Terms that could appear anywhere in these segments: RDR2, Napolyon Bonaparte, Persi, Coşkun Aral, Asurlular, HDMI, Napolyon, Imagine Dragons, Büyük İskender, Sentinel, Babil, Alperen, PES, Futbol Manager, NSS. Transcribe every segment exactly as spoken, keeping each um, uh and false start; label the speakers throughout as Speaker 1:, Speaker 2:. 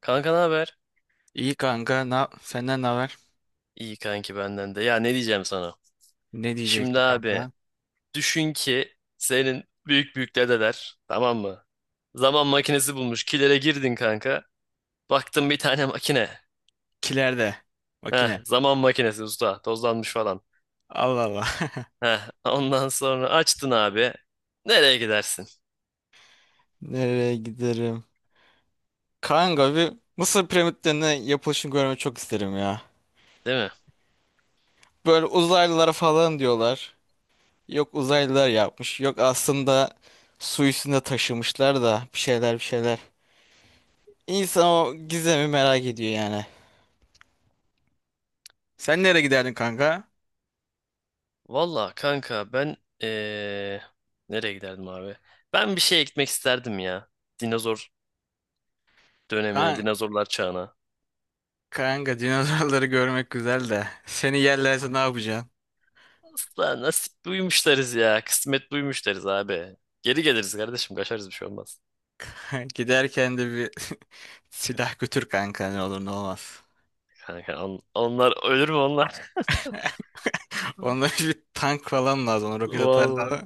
Speaker 1: Kanka ne haber?
Speaker 2: İyi kanka. Na senden ne haber?
Speaker 1: İyi kanki benden de. Ya ne diyeceğim sana?
Speaker 2: Ne
Speaker 1: Şimdi
Speaker 2: diyecektin
Speaker 1: abi
Speaker 2: kanka?
Speaker 1: düşün ki senin büyük büyük dedeler tamam mı? Zaman makinesi bulmuş. Kilere girdin kanka. Baktın bir tane makine.
Speaker 2: Kilerde.
Speaker 1: Heh,
Speaker 2: Makine.
Speaker 1: zaman makinesi usta. Tozlanmış falan.
Speaker 2: Allah Allah.
Speaker 1: Heh, ondan sonra açtın abi. Nereye gidersin?
Speaker 2: Nereye giderim? Kanka bir Mısır piramitlerinin yapılışını görmeyi çok isterim ya.
Speaker 1: Değil mi?
Speaker 2: Böyle uzaylılara falan diyorlar. Yok uzaylılar yapmış. Yok aslında su üstünde taşımışlar da bir şeyler bir şeyler. İnsan o gizemi merak ediyor yani. Sen nereye giderdin kanka?
Speaker 1: Valla kanka ben ee, nereye giderdim abi? Ben bir şeye gitmek isterdim ya. Dinozor dönemine,
Speaker 2: Kan
Speaker 1: dinozorlar çağına.
Speaker 2: kanka dinozorları görmek güzel de. Seni yerlerse ne yapacaksın?
Speaker 1: Usta nasip duymuş deriz ya. Kısmet duymuş deriz abi. Geri geliriz kardeşim. Kaçarız bir şey olmaz.
Speaker 2: Giderken de bir silah götür kanka ne olur ne olmaz.
Speaker 1: Kanka on- onlar ölür mü onlar?
Speaker 2: Onda bir tank falan lazım. ona Roket
Speaker 1: Vallahi
Speaker 2: atarlar.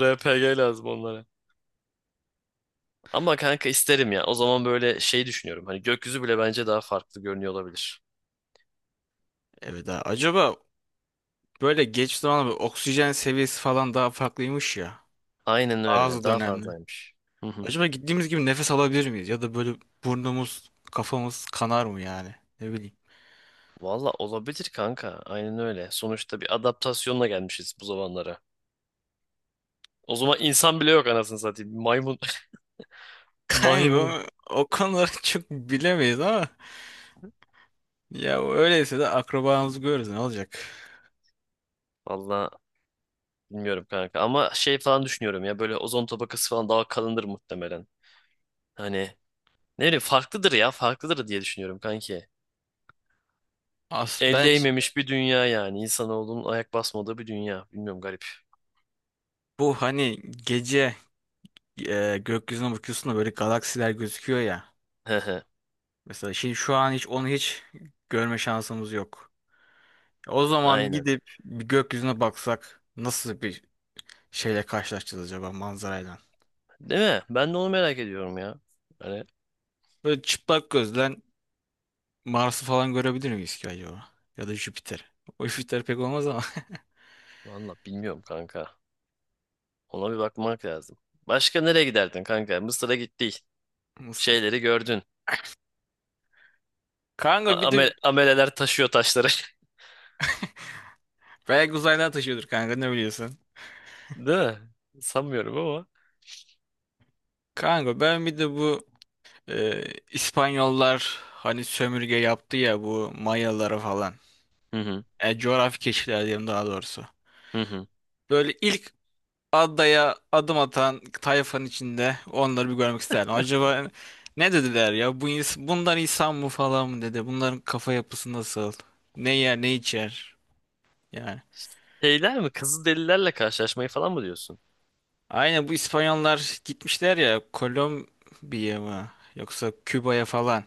Speaker 1: R P G lazım onlara. Ama kanka isterim ya. O zaman böyle şey düşünüyorum. Hani gökyüzü bile bence daha farklı görünüyor olabilir.
Speaker 2: Evet ha. Acaba böyle geç zamanla bir oksijen seviyesi falan daha farklıymış ya.
Speaker 1: Aynen öyle.
Speaker 2: Bazı
Speaker 1: Daha
Speaker 2: dönemde.
Speaker 1: fazlaymış. Hı hı.
Speaker 2: Acaba gittiğimiz gibi nefes alabilir miyiz? Ya da böyle burnumuz, kafamız kanar mı yani? Ne bileyim.
Speaker 1: Valla olabilir kanka. Aynen öyle. Sonuçta bir adaptasyonla gelmişiz bu zamanlara. O zaman insan bile yok, anasını satayım. Maymun. Maymun.
Speaker 2: Kanka o konuları çok bilemeyiz ama ya öyleyse de akrabamızı görürüz ne olacak?
Speaker 1: Valla bilmiyorum kanka, ama şey falan düşünüyorum ya, böyle ozon tabakası falan daha kalındır muhtemelen. Hani ne bileyim, farklıdır ya, farklıdır diye düşünüyorum kanki.
Speaker 2: As
Speaker 1: El
Speaker 2: ben
Speaker 1: değmemiş bir dünya, yani insanoğlunun ayak basmadığı bir dünya. Bilmiyorum, garip.
Speaker 2: bu hani gece e, gökyüzüne bakıyorsun da böyle galaksiler gözüküyor ya.
Speaker 1: Hehe.
Speaker 2: Mesela şimdi şu an hiç onu hiç görme şansımız yok. O zaman
Speaker 1: Aynen.
Speaker 2: gidip bir gökyüzüne baksak nasıl bir şeyle karşılaşacağız acaba manzarayla?
Speaker 1: Değil mi? Ben de onu merak ediyorum ya. Hani
Speaker 2: Böyle çıplak gözden Mars'ı falan görebilir miyiz ki acaba? Ya da Jüpiter. O Jüpiter pek olmaz ama.
Speaker 1: valla bilmiyorum kanka. Ona bir bakmak lazım. Başka nereye giderdin kanka? Mısır'a gittik.
Speaker 2: Nasıl?
Speaker 1: Şeyleri gördün. A-
Speaker 2: Kanka bir
Speaker 1: amel-
Speaker 2: de
Speaker 1: ameleler taşıyor taşları.
Speaker 2: belki uzaydan taşıyordur kanka ne biliyorsun?
Speaker 1: Değil mi? Sanmıyorum ama.
Speaker 2: Kanka ben bir de bu e, İspanyollar hani sömürge yaptı ya bu Mayalara falan.
Speaker 1: Hı hı.
Speaker 2: E, coğrafi keşifler diyelim daha doğrusu.
Speaker 1: Hı hı.
Speaker 2: Böyle ilk adaya adım atan tayfanın içinde onları bir görmek isterdim. Acaba ne dediler ya? Bu ins- bunlar insan mı falan mı dedi? Bunların kafa yapısı nasıl? Ne yer, ne içer? Yani.
Speaker 1: Şeyler mi? Kızılderililerle karşılaşmayı falan mı diyorsun?
Speaker 2: Aynen bu İspanyollar gitmişler ya Kolombiya mı? Yoksa Küba'ya falan.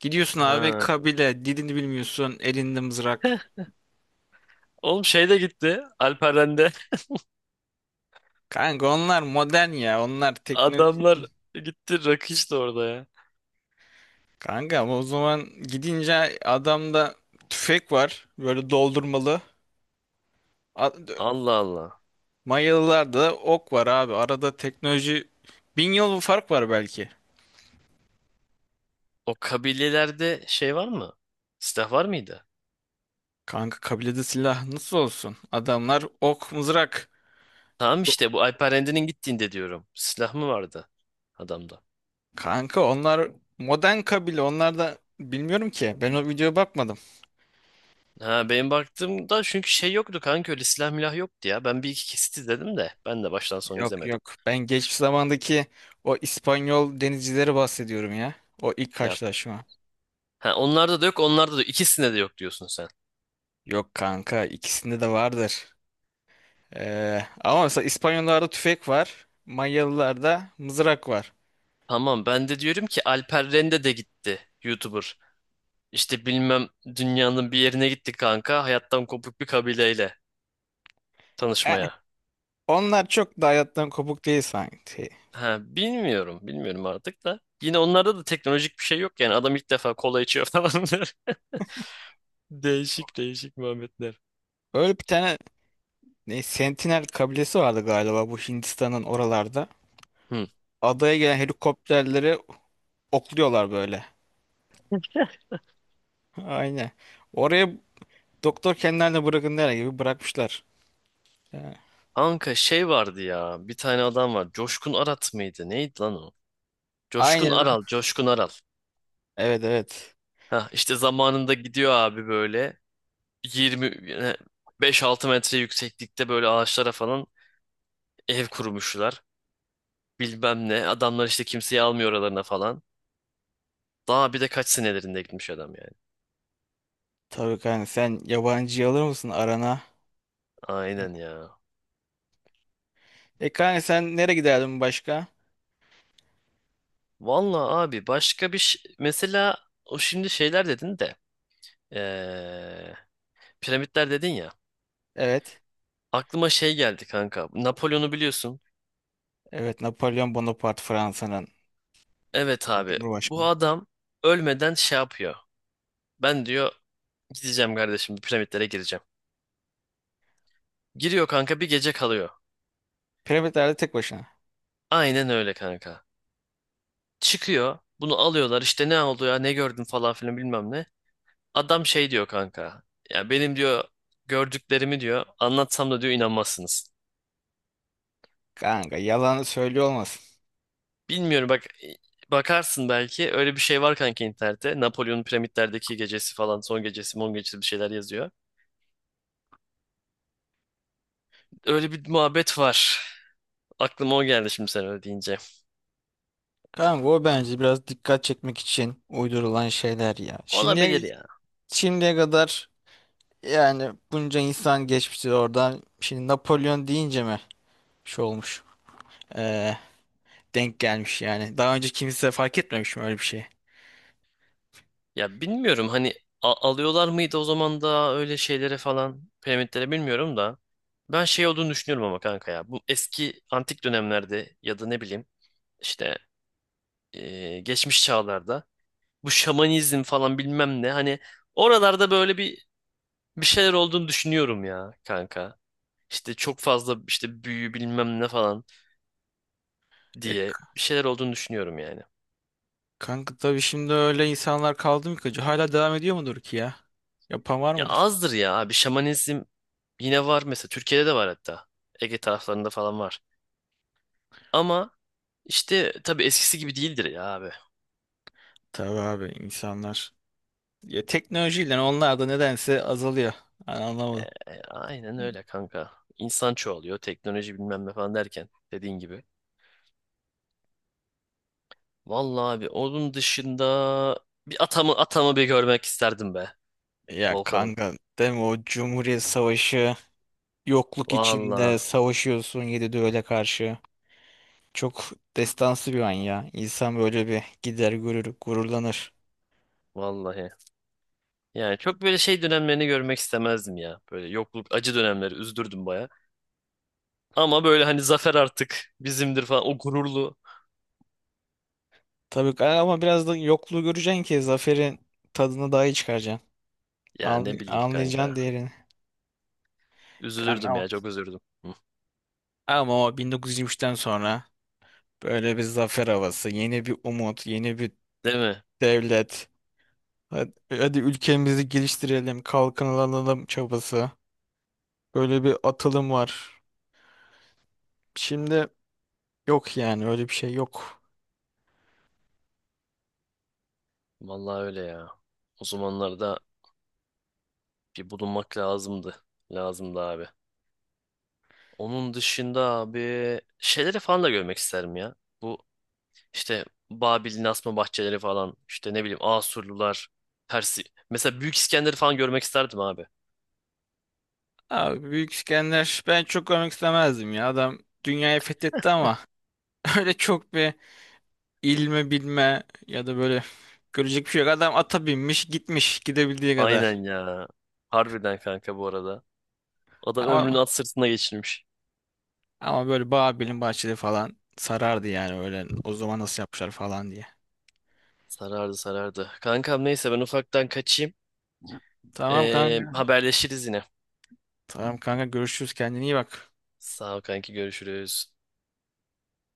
Speaker 2: Gidiyorsun abi
Speaker 1: Ha.
Speaker 2: kabile dilini bilmiyorsun elinde mızrak.
Speaker 1: Oğlum şey de gitti. Alperen'de.
Speaker 2: Kanka onlar modern ya. Onlar
Speaker 1: Adamlar gitti. Rakı içti orada ya.
Speaker 2: Kanka ama o zaman gidince adamda tüfek var. Böyle doldurmalı. A-
Speaker 1: Allah Allah.
Speaker 2: Mayalılarda da ok var abi. Arada teknoloji bin yıl bir fark var belki.
Speaker 1: O kabilelerde şey var mı? Silah var mıydı?
Speaker 2: Kanka kabilede silah nasıl olsun? Adamlar ok mızrak.
Speaker 1: Tamam, işte bu Alperen'de'nin gittiğinde diyorum. Silah mı vardı adamda?
Speaker 2: Kanka onlar modern kabile. Onlar da bilmiyorum ki. Ben o videoya bakmadım.
Speaker 1: Ha, benim baktığımda çünkü şey yoktu kanka, öyle silah milah yoktu ya. Ben bir iki kesit izledim de, ben de baştan sona
Speaker 2: Yok
Speaker 1: izlemedim.
Speaker 2: yok. Ben geçmiş zamandaki o İspanyol denizcileri bahsediyorum ya. O ilk
Speaker 1: Ya,
Speaker 2: karşılaşma.
Speaker 1: ha onlarda da yok, onlarda da yok. İkisinde de yok diyorsun sen.
Speaker 2: Yok kanka ikisinde de vardır. Ee, ama mesela İspanyollarda tüfek var. Manyalılarda mızrak var.
Speaker 1: Tamam, ben de diyorum ki Alper Rende de gitti, YouTuber. İşte bilmem, dünyanın bir yerine gitti kanka, hayattan kopuk bir kabileyle
Speaker 2: Yani
Speaker 1: tanışmaya.
Speaker 2: onlar çok da hayattan kopuk değil sanki.
Speaker 1: Ha, bilmiyorum bilmiyorum artık da. Yine onlarda da teknolojik bir şey yok yani, adam ilk defa kola içiyor falan. Değişik değişik muhabbetler.
Speaker 2: Öyle bir tane ne, Sentinel kabilesi vardı galiba bu Hindistan'ın oralarda.
Speaker 1: Hı.
Speaker 2: Adaya gelen helikopterleri okluyorlar böyle. Aynen. Oraya doktor kendilerine bırakın der gibi bırakmışlar. Yani
Speaker 1: Kanka şey vardı ya, bir tane adam var, Coşkun Arat mıydı neydi lan o? Coşkun
Speaker 2: Aynen.
Speaker 1: Aral, Coşkun Aral.
Speaker 2: Evet evet.
Speaker 1: Ha işte zamanında gidiyor abi böyle. yirmi beş altı metre yükseklikte böyle ağaçlara falan ev kurmuşlar. Bilmem ne. Adamlar işte kimseyi almıyor oralarına falan. Daha bir de kaç senelerinde gitmiş adam yani.
Speaker 2: Tabii kanka sen yabancıyı alır mısın arana? Ya.
Speaker 1: Aynen ya.
Speaker 2: E kanka sen nereye giderdin başka?
Speaker 1: Vallahi abi başka bir şey. Mesela o, şimdi şeyler dedin de. eee, Piramitler dedin ya.
Speaker 2: Evet.
Speaker 1: Aklıma şey geldi kanka. Napolyon'u biliyorsun.
Speaker 2: Evet Napolyon Bonaparte Fransa'nın
Speaker 1: Evet
Speaker 2: e,
Speaker 1: abi. Bu
Speaker 2: Cumhurbaşkanı.
Speaker 1: adam ölmeden şey yapıyor. Ben diyor gideceğim kardeşim, piramitlere gireceğim. Giriyor kanka, bir gece kalıyor.
Speaker 2: Piramitlerde tek başına.
Speaker 1: Aynen öyle kanka. Çıkıyor. Bunu alıyorlar, işte ne oldu ya, ne gördün falan filan, bilmem ne. Adam şey diyor kanka. Ya benim diyor gördüklerimi diyor anlatsam da diyor inanmazsınız.
Speaker 2: Kanka yalanı söylüyor olmasın.
Speaker 1: Bilmiyorum, bak, bakarsın belki öyle bir şey var kanka internette. Napolyon'un piramitlerdeki gecesi falan, son gecesi mon gecesi, bir şeyler yazıyor. Öyle bir muhabbet var. Aklıma o geldi şimdi sen öyle deyince.
Speaker 2: Kanka o bence biraz dikkat çekmek için uydurulan şeyler ya. Şimdiye,
Speaker 1: Olabilir ya.
Speaker 2: şimdiye kadar yani bunca insan geçmişti oradan. Şimdi Napolyon deyince mi şey olmuş? Ee, denk gelmiş yani. Daha önce kimse fark etmemiş mi öyle bir şey?
Speaker 1: Ya bilmiyorum hani, a- alıyorlar mıydı o zaman da öyle şeylere falan, piramitlere, bilmiyorum da. Ben şey olduğunu düşünüyorum ama kanka ya. Bu eski antik dönemlerde, ya da ne bileyim işte, e, geçmiş çağlarda bu şamanizm falan bilmem ne, hani oralarda böyle bir bir şeyler olduğunu düşünüyorum ya kanka. İşte çok fazla işte büyü bilmem ne falan
Speaker 2: E, k-
Speaker 1: diye bir şeyler olduğunu düşünüyorum yani.
Speaker 2: kanka tabii şimdi öyle insanlar kaldı mı ki? Hala devam ediyor mudur ki ya? Yapan var
Speaker 1: Ya
Speaker 2: mıdır?
Speaker 1: azdır ya abi, şamanizm yine var mesela, Türkiye'de de var hatta. Ege taraflarında falan var. Ama işte tabii eskisi gibi değildir ya abi.
Speaker 2: Tabii abi insanlar. Ya teknolojiyle onlar da nedense azalıyor. Ben
Speaker 1: E,
Speaker 2: anlamadım.
Speaker 1: e, aynen öyle kanka. İnsan çoğalıyor, teknoloji bilmem ne falan derken, dediğin gibi. Vallahi abi onun dışında bir atamı atamı bir görmek isterdim be
Speaker 2: Ya
Speaker 1: Volkan'ım.
Speaker 2: kanka değil mi o Cumhuriyet Savaşı yokluk içinde
Speaker 1: Vallahi
Speaker 2: savaşıyorsun yedi düvele karşı. Çok destansı bir an ya. İnsan böyle bir gider görür, gururlanır.
Speaker 1: vallahi. Yani çok böyle şey dönemlerini görmek istemezdim ya. Böyle yokluk, acı dönemleri üzdürdüm baya. Ama böyle hani zafer artık bizimdir falan, o gururlu.
Speaker 2: Tabii ki- ama biraz da yokluğu göreceksin ki zaferin tadını daha iyi çıkaracaksın.
Speaker 1: Ya
Speaker 2: Anlay
Speaker 1: ne bileyim
Speaker 2: anlayacaksın
Speaker 1: kanka.
Speaker 2: değerini. Kanka
Speaker 1: Üzülürdüm
Speaker 2: ama.
Speaker 1: ya, çok üzüldüm.
Speaker 2: Ama o bin dokuz yüz yirmi üçten sonra böyle bir zafer havası, yeni bir umut, yeni bir
Speaker 1: Değil mi?
Speaker 2: devlet. Hadi, hadi ülkemizi geliştirelim, kalkınalım çabası. Böyle bir atılım var. Şimdi yok yani öyle bir şey yok.
Speaker 1: Vallahi öyle ya. O zamanlarda bir bulunmak lazımdı. Lazımdı abi. Onun dışında abi şeyleri falan da görmek isterim ya. Bu işte Babil'in asma bahçeleri falan, işte ne bileyim Asurlular, Persi. Mesela Büyük İskender'i falan görmek isterdim abi.
Speaker 2: Abi Büyük İskender ben çok görmek istemezdim ya. Adam dünyayı fethetti ama öyle çok bir ilme bilme ya da böyle görecek bir şey yok. Adam ata binmiş gitmiş gidebildiği kadar.
Speaker 1: Aynen ya. Harbiden kanka bu arada. Adam ömrünü
Speaker 2: Ama
Speaker 1: at sırtına geçirmiş.
Speaker 2: ama böyle Babil'in bahçeli falan sarardı yani öyle o zaman nasıl yapmışlar falan diye.
Speaker 1: Sarardı, sarardı. Kankam neyse ben ufaktan kaçayım.
Speaker 2: Tamam
Speaker 1: Ee,
Speaker 2: kanka.
Speaker 1: haberleşiriz yine.
Speaker 2: Tamam kanka görüşürüz kendine iyi bak.
Speaker 1: Sağ ol kanki, görüşürüz.